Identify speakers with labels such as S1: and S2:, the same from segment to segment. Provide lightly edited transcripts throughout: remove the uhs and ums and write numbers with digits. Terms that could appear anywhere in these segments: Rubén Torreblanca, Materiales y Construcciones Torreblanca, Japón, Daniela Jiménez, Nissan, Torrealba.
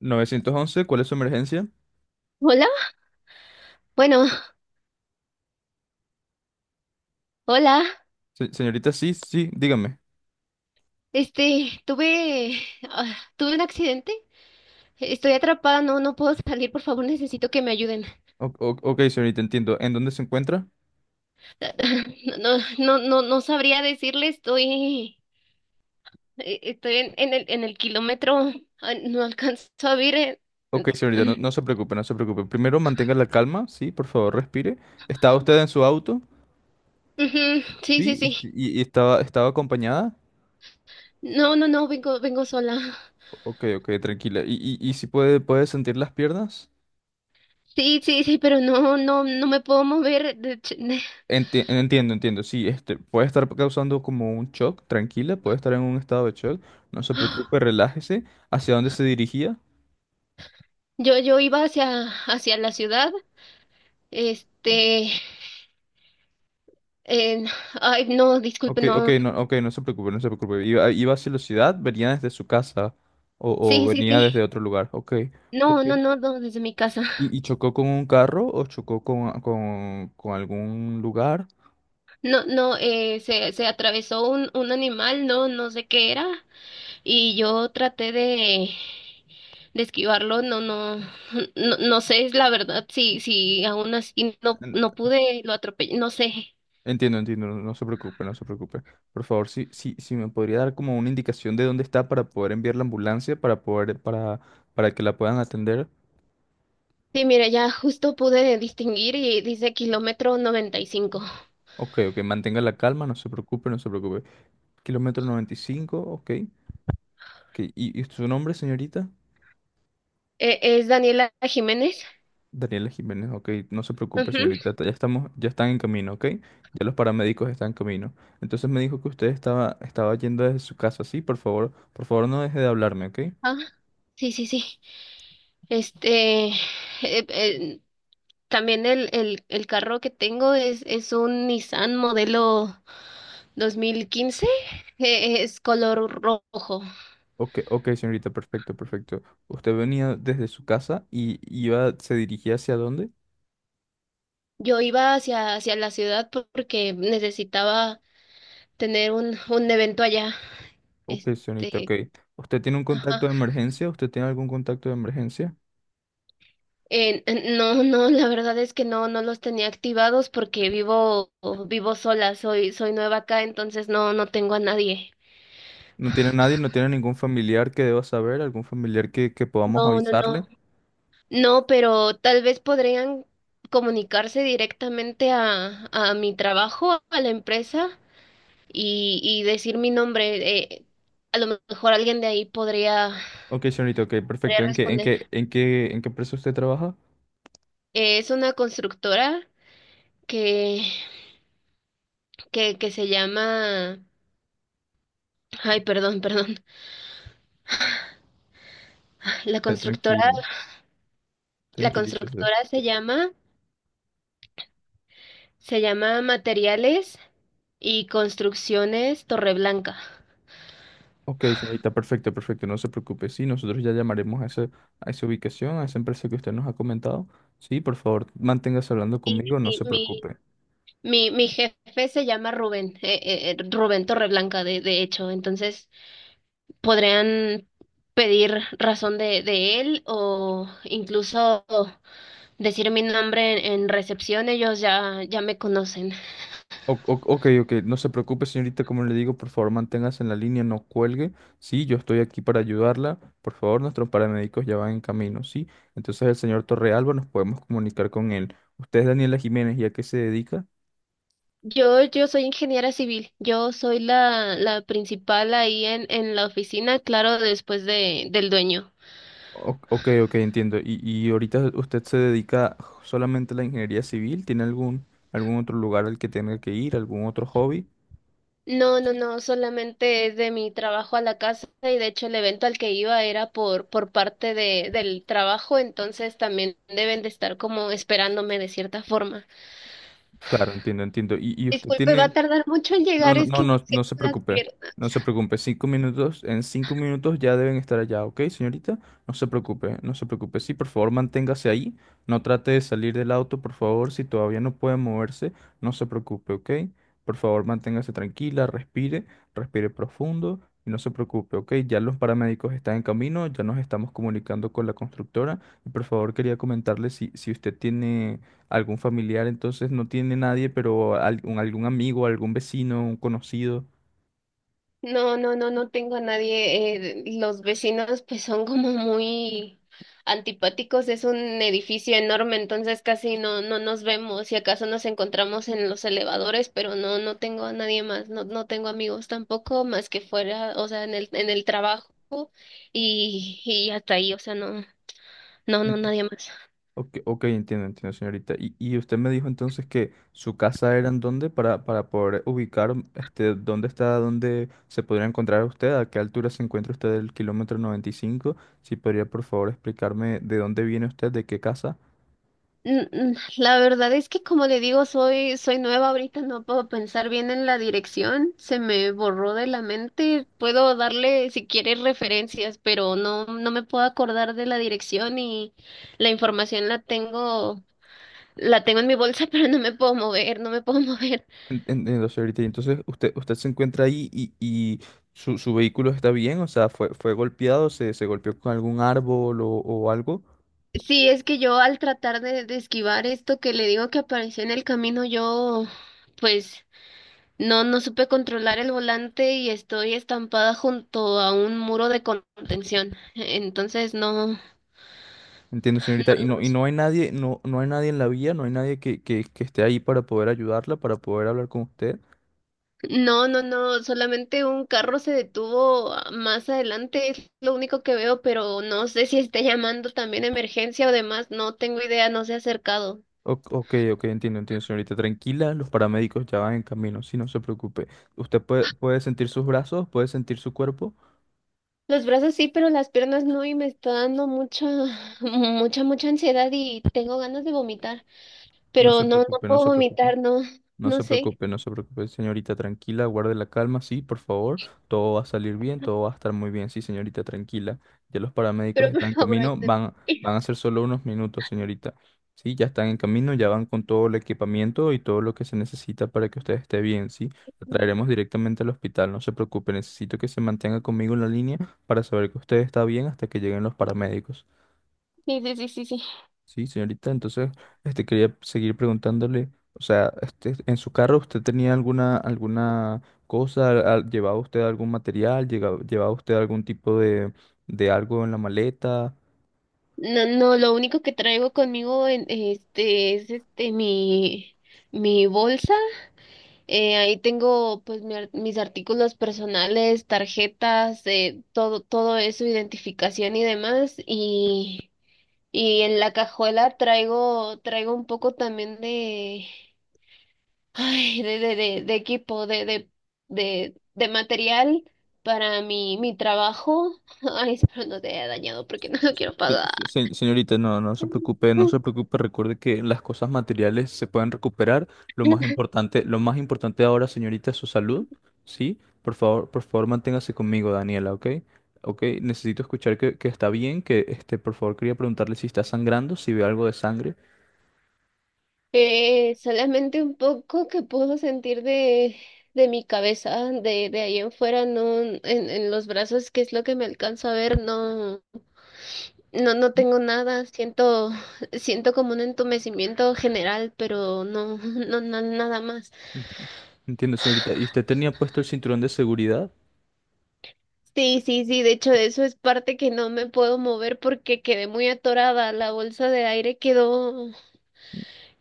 S1: Novecientos once, ¿cuál es su emergencia?
S2: Hola, bueno, hola.
S1: Señorita, sí, sí, dígame.
S2: Tuve, tuve un accidente. Estoy atrapada, no, no puedo salir, por favor, necesito que me ayuden.
S1: Ok, señorita, entiendo. ¿En dónde se encuentra?
S2: No, no, no, no sabría decirle, estoy, estoy en el kilómetro, no alcanzo a ver.
S1: Ok, señorita, no,
S2: Eh,
S1: no se preocupe, no se preocupe. Primero mantenga la calma, sí, por favor, respire. ¿Estaba usted en su auto?
S2: ujú, sí, sí,
S1: Sí, y,
S2: sí.
S1: y estaba acompañada.
S2: No, no, no, vengo sola.
S1: Ok, ok, tranquila. Y si puede sentir las piernas?
S2: Sí, sí, sí, pero no, no, no me puedo mover.
S1: Entiendo, sí, este, puede estar causando como un shock, tranquila, puede estar en un estado de shock. No se preocupe, relájese. ¿Hacia dónde se dirigía?
S2: Yo iba hacia la ciudad, este. Eh, ay, no, disculpe,
S1: Ok, ok,
S2: no.
S1: no, ok, no se preocupe, no se preocupe. Iba hacia la ciudad, venía desde su casa o
S2: Sí, sí,
S1: venía
S2: sí.
S1: desde otro lugar. Ok,
S2: No,
S1: ok.
S2: no, no, no, desde mi casa.
S1: ¿Y chocó con un carro o chocó con algún lugar?
S2: No, no, se atravesó un animal, no, no sé qué era. Y yo traté de esquivarlo, no, no, no, no sé, es la verdad, si aún así no,
S1: En-
S2: no pude, lo atropellé, no sé.
S1: entiendo, no, no se preocupe, no se preocupe. Por favor, si, si, si me podría dar como una indicación de dónde está para poder enviar la ambulancia, para que la puedan atender.
S2: Sí, mira, ya justo pude distinguir y dice kilómetro 95.
S1: Ok, ok, mantenga la calma, no se preocupe, no se preocupe. Kilómetro 95. Ok, ok. ¿Y su nombre, señorita?
S2: ¿Es Daniela Jiménez?
S1: Daniela Jiménez, ok, no se preocupe,
S2: Ujú.
S1: señorita, ya están en camino, ok, ya los paramédicos están en camino. Entonces me dijo que usted estaba yendo desde su casa, sí, por favor no deje de hablarme, ok.
S2: Ah, sí, sí, sí. Este, eh, eh, también el carro que tengo es un Nissan modelo 2015, es color rojo.
S1: Ok, ok, señorita, perfecto, perfecto. Usted venía desde su casa y se dirigía hacia dónde?
S2: Yo iba hacia la ciudad porque necesitaba tener un evento allá.
S1: Ok, señorita, ok.
S2: Este,
S1: ¿Usted tiene un
S2: ajá.
S1: contacto de emergencia? ¿Usted tiene algún contacto de emergencia?
S2: No, no, la verdad es que no, no los tenía activados porque vivo, vivo sola, soy, soy nueva acá, entonces no, no tengo a nadie.
S1: ¿No tiene nadie? ¿No tiene ningún familiar que deba saber? ¿Algún familiar que podamos
S2: No, no, no.
S1: avisarle?
S2: No, pero tal vez podrían comunicarse directamente a mi trabajo, a la empresa, y decir mi nombre. A lo mejor alguien de ahí podría,
S1: Ok, señorita, ok,
S2: podría
S1: perfecto. ¿En qué, en
S2: responder.
S1: qué, en qué, en qué empresa usted trabaja?
S2: Es una constructora que, que se llama... Ay, perdón, perdón. La constructora,
S1: Tranquilo,
S2: la
S1: tranquilícese.
S2: constructora se llama Materiales y Construcciones Torreblanca.
S1: Ok, señorita, perfecto, perfecto, no se preocupe. Sí, nosotros ya llamaremos a esa ubicación, a esa empresa que usted nos ha comentado. Sí, por favor, manténgase hablando
S2: Sí, sí,
S1: conmigo, no
S2: sí,
S1: se preocupe.
S2: mi, mi jefe se llama Rubén, Rubén Torreblanca, de hecho. Entonces, podrían pedir razón de él o incluso decir mi nombre en recepción. Ellos ya, ya me conocen.
S1: Ok, ok, no se preocupe, señorita, como le digo, por favor, manténgase en la línea, no cuelgue. Sí, yo estoy aquí para ayudarla. Por favor, nuestros paramédicos ya van en camino, ¿sí? Entonces el señor Torrealba nos podemos comunicar con él. ¿Usted es Daniela Jiménez y a qué se dedica?
S2: Yo soy ingeniera civil. Yo soy la principal ahí en la oficina, claro, después del dueño.
S1: Ok, ok, entiendo. ¿Y ahorita usted se dedica solamente a la ingeniería civil? ¿Tiene algún otro lugar al que tenga que ir? ¿Algún otro hobby?
S2: No, no, no, solamente es de mi trabajo a la casa y de hecho el evento al que iba era por parte del trabajo, entonces también deben de estar como esperándome de cierta forma.
S1: Claro, entiendo, entiendo. ¿Y usted
S2: Disculpe, va
S1: tiene,
S2: a tardar mucho en
S1: No,
S2: llegar,
S1: no,
S2: es
S1: no,
S2: que no
S1: no,
S2: sé
S1: no se
S2: las
S1: preocupe.
S2: vieron.
S1: No se preocupe. Cinco minutos, en cinco minutos ya deben estar allá, ¿ok, señorita? No se preocupe, no se preocupe. Sí, por favor, manténgase ahí. No trate de salir del auto, por favor. Si todavía no puede moverse, no se preocupe, ¿ok? Por favor, manténgase tranquila, respire, respire profundo y no se preocupe, ¿ok? Ya los paramédicos están en camino, ya nos estamos comunicando con la constructora. Y por favor, quería comentarle si, si usted tiene algún familiar, entonces no tiene nadie, pero algún amigo, algún vecino, un conocido.
S2: No, no, no, no tengo a nadie. Los vecinos pues son como muy antipáticos. Es un edificio enorme, entonces casi no, no nos vemos. Si acaso nos encontramos en los elevadores, pero no, no tengo a nadie más. No, no tengo amigos tampoco, más que fuera, o sea, en el trabajo y hasta ahí, o sea, no, no, no,
S1: En-
S2: nadie más.
S1: Ok, ok, entiendo, entiendo, señorita. Y usted me dijo entonces que su casa era en dónde para poder ubicar este, dónde está, dónde se podría encontrar usted, a qué altura se encuentra usted del kilómetro noventa y cinco. Si podría, por favor, explicarme de dónde viene usted, de qué casa.
S2: La verdad es que como le digo, soy, soy nueva ahorita, no puedo pensar bien en la dirección, se me borró de la mente, puedo darle si quieres referencias, pero no, no me puedo acordar de la dirección y la información la tengo en mi bolsa, pero no me puedo mover, no me puedo mover.
S1: Entiendo, señorita. Y entonces, usted se encuentra ahí y su vehículo está bien, o sea, fue golpeado, se golpeó con algún árbol o algo.
S2: Sí, es que yo al tratar de esquivar esto que le digo que apareció en el camino, yo pues no, no supe controlar el volante y estoy estampada junto a un muro de contención. Entonces, no,
S1: Entiendo, señorita. Y no hay nadie, no, no hay nadie en la vía, no hay nadie que esté ahí para poder ayudarla, para poder hablar con usted.
S2: no, no, no, solamente un carro se detuvo más adelante, es lo único que veo, pero no sé si esté llamando también emergencia o demás, no tengo idea, no se ha acercado.
S1: Ok, ok, entiendo, entiendo, señorita. Tranquila, los paramédicos ya van en camino, sí, no se preocupe. Usted puede sentir sus brazos, puede sentir su cuerpo.
S2: Los brazos sí, pero las piernas no, y me está dando mucha, mucha, mucha ansiedad y tengo ganas de vomitar,
S1: No
S2: pero
S1: se
S2: no, no
S1: preocupe, no
S2: puedo
S1: se preocupe.
S2: vomitar, no,
S1: No
S2: no
S1: se
S2: sé,
S1: preocupe, no se preocupe, señorita, tranquila, guarde la calma, sí, por favor. Todo va a salir bien, todo va a estar muy bien, sí, señorita, tranquila. Ya los paramédicos
S2: pero por
S1: están en
S2: favor
S1: camino,
S2: ayúdame.
S1: van a ser solo unos minutos, señorita. Sí, ya están en camino, ya van con todo el equipamiento y todo lo que se necesita para que usted esté bien, sí. La traeremos directamente al hospital, no se preocupe, necesito que se mantenga conmigo en la línea para saber que usted está bien hasta que lleguen los paramédicos.
S2: Sí, sí, sí, sí, sí.
S1: Sí, señorita, entonces, este, quería seguir preguntándole, o sea, este, en su carro usted tenía alguna cosa, llevaba usted algún material, llevaba usted algún tipo de algo en la maleta,
S2: No, no, lo único que traigo conmigo en, este es este mi bolsa. Ahí tengo pues mis artículos personales, tarjetas, todo eso, identificación y demás. Y en la cajuela traigo un poco también de ay de equipo, de material para mi trabajo. Ay, espero no te haya dañado porque no lo quiero pagar.
S1: Señorita, no, no se preocupe, no se preocupe. Recuerde que las cosas materiales se pueden recuperar. Lo más importante ahora, señorita, es su salud, ¿sí? Por favor, manténgase conmigo, Daniela, ¿ok? Ok, necesito escuchar que está bien, por favor, quería preguntarle si está sangrando, si ve algo de sangre.
S2: Solamente un poco que puedo sentir de mi cabeza, de ahí en fuera, no, en los brazos, que es lo que me alcanzo a ver, no, no, no tengo nada, siento, siento como un entumecimiento general, pero no, no, no, nada más.
S1: En- Entiendo, señorita. ¿Y usted tenía puesto el cinturón de seguridad?
S2: Sí, sí, sí, de hecho de eso es parte que no me puedo mover porque quedé muy atorada, la bolsa de aire quedó,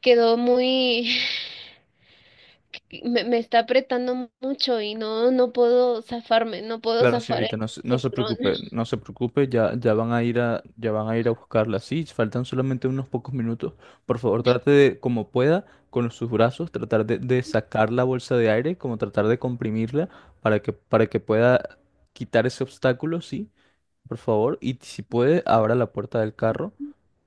S2: quedó muy me, me está apretando mucho y no, no puedo zafarme, no puedo
S1: Claro,
S2: zafar
S1: señorita,
S2: el
S1: no, no se
S2: cinturón.
S1: preocupe, no se preocupe, ya van a ir a buscarla. Sí, faltan solamente unos pocos minutos. Por favor, trate de, como pueda, con sus brazos, tratar de sacar la bolsa de aire, como tratar de comprimirla para que pueda quitar ese obstáculo, sí, por favor. Y si puede, abra la puerta del carro.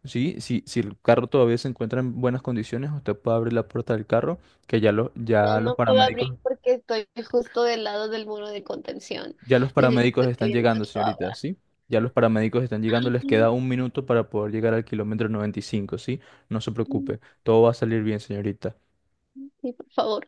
S1: Sí, si, si el carro todavía se encuentra en buenas condiciones, usted puede abrir la puerta del carro,
S2: No,
S1: ya los
S2: no puedo abrir
S1: paramédicos.
S2: porque estoy justo del lado del muro de contención.
S1: Ya los
S2: Necesito
S1: paramédicos
S2: que
S1: están
S2: alguien más
S1: llegando,
S2: lo abra.
S1: señorita, ¿sí? Ya los paramédicos están llegando, les queda un minuto para poder llegar al kilómetro 95, ¿sí? No se preocupe, todo va a salir bien, señorita.
S2: Sí, por favor.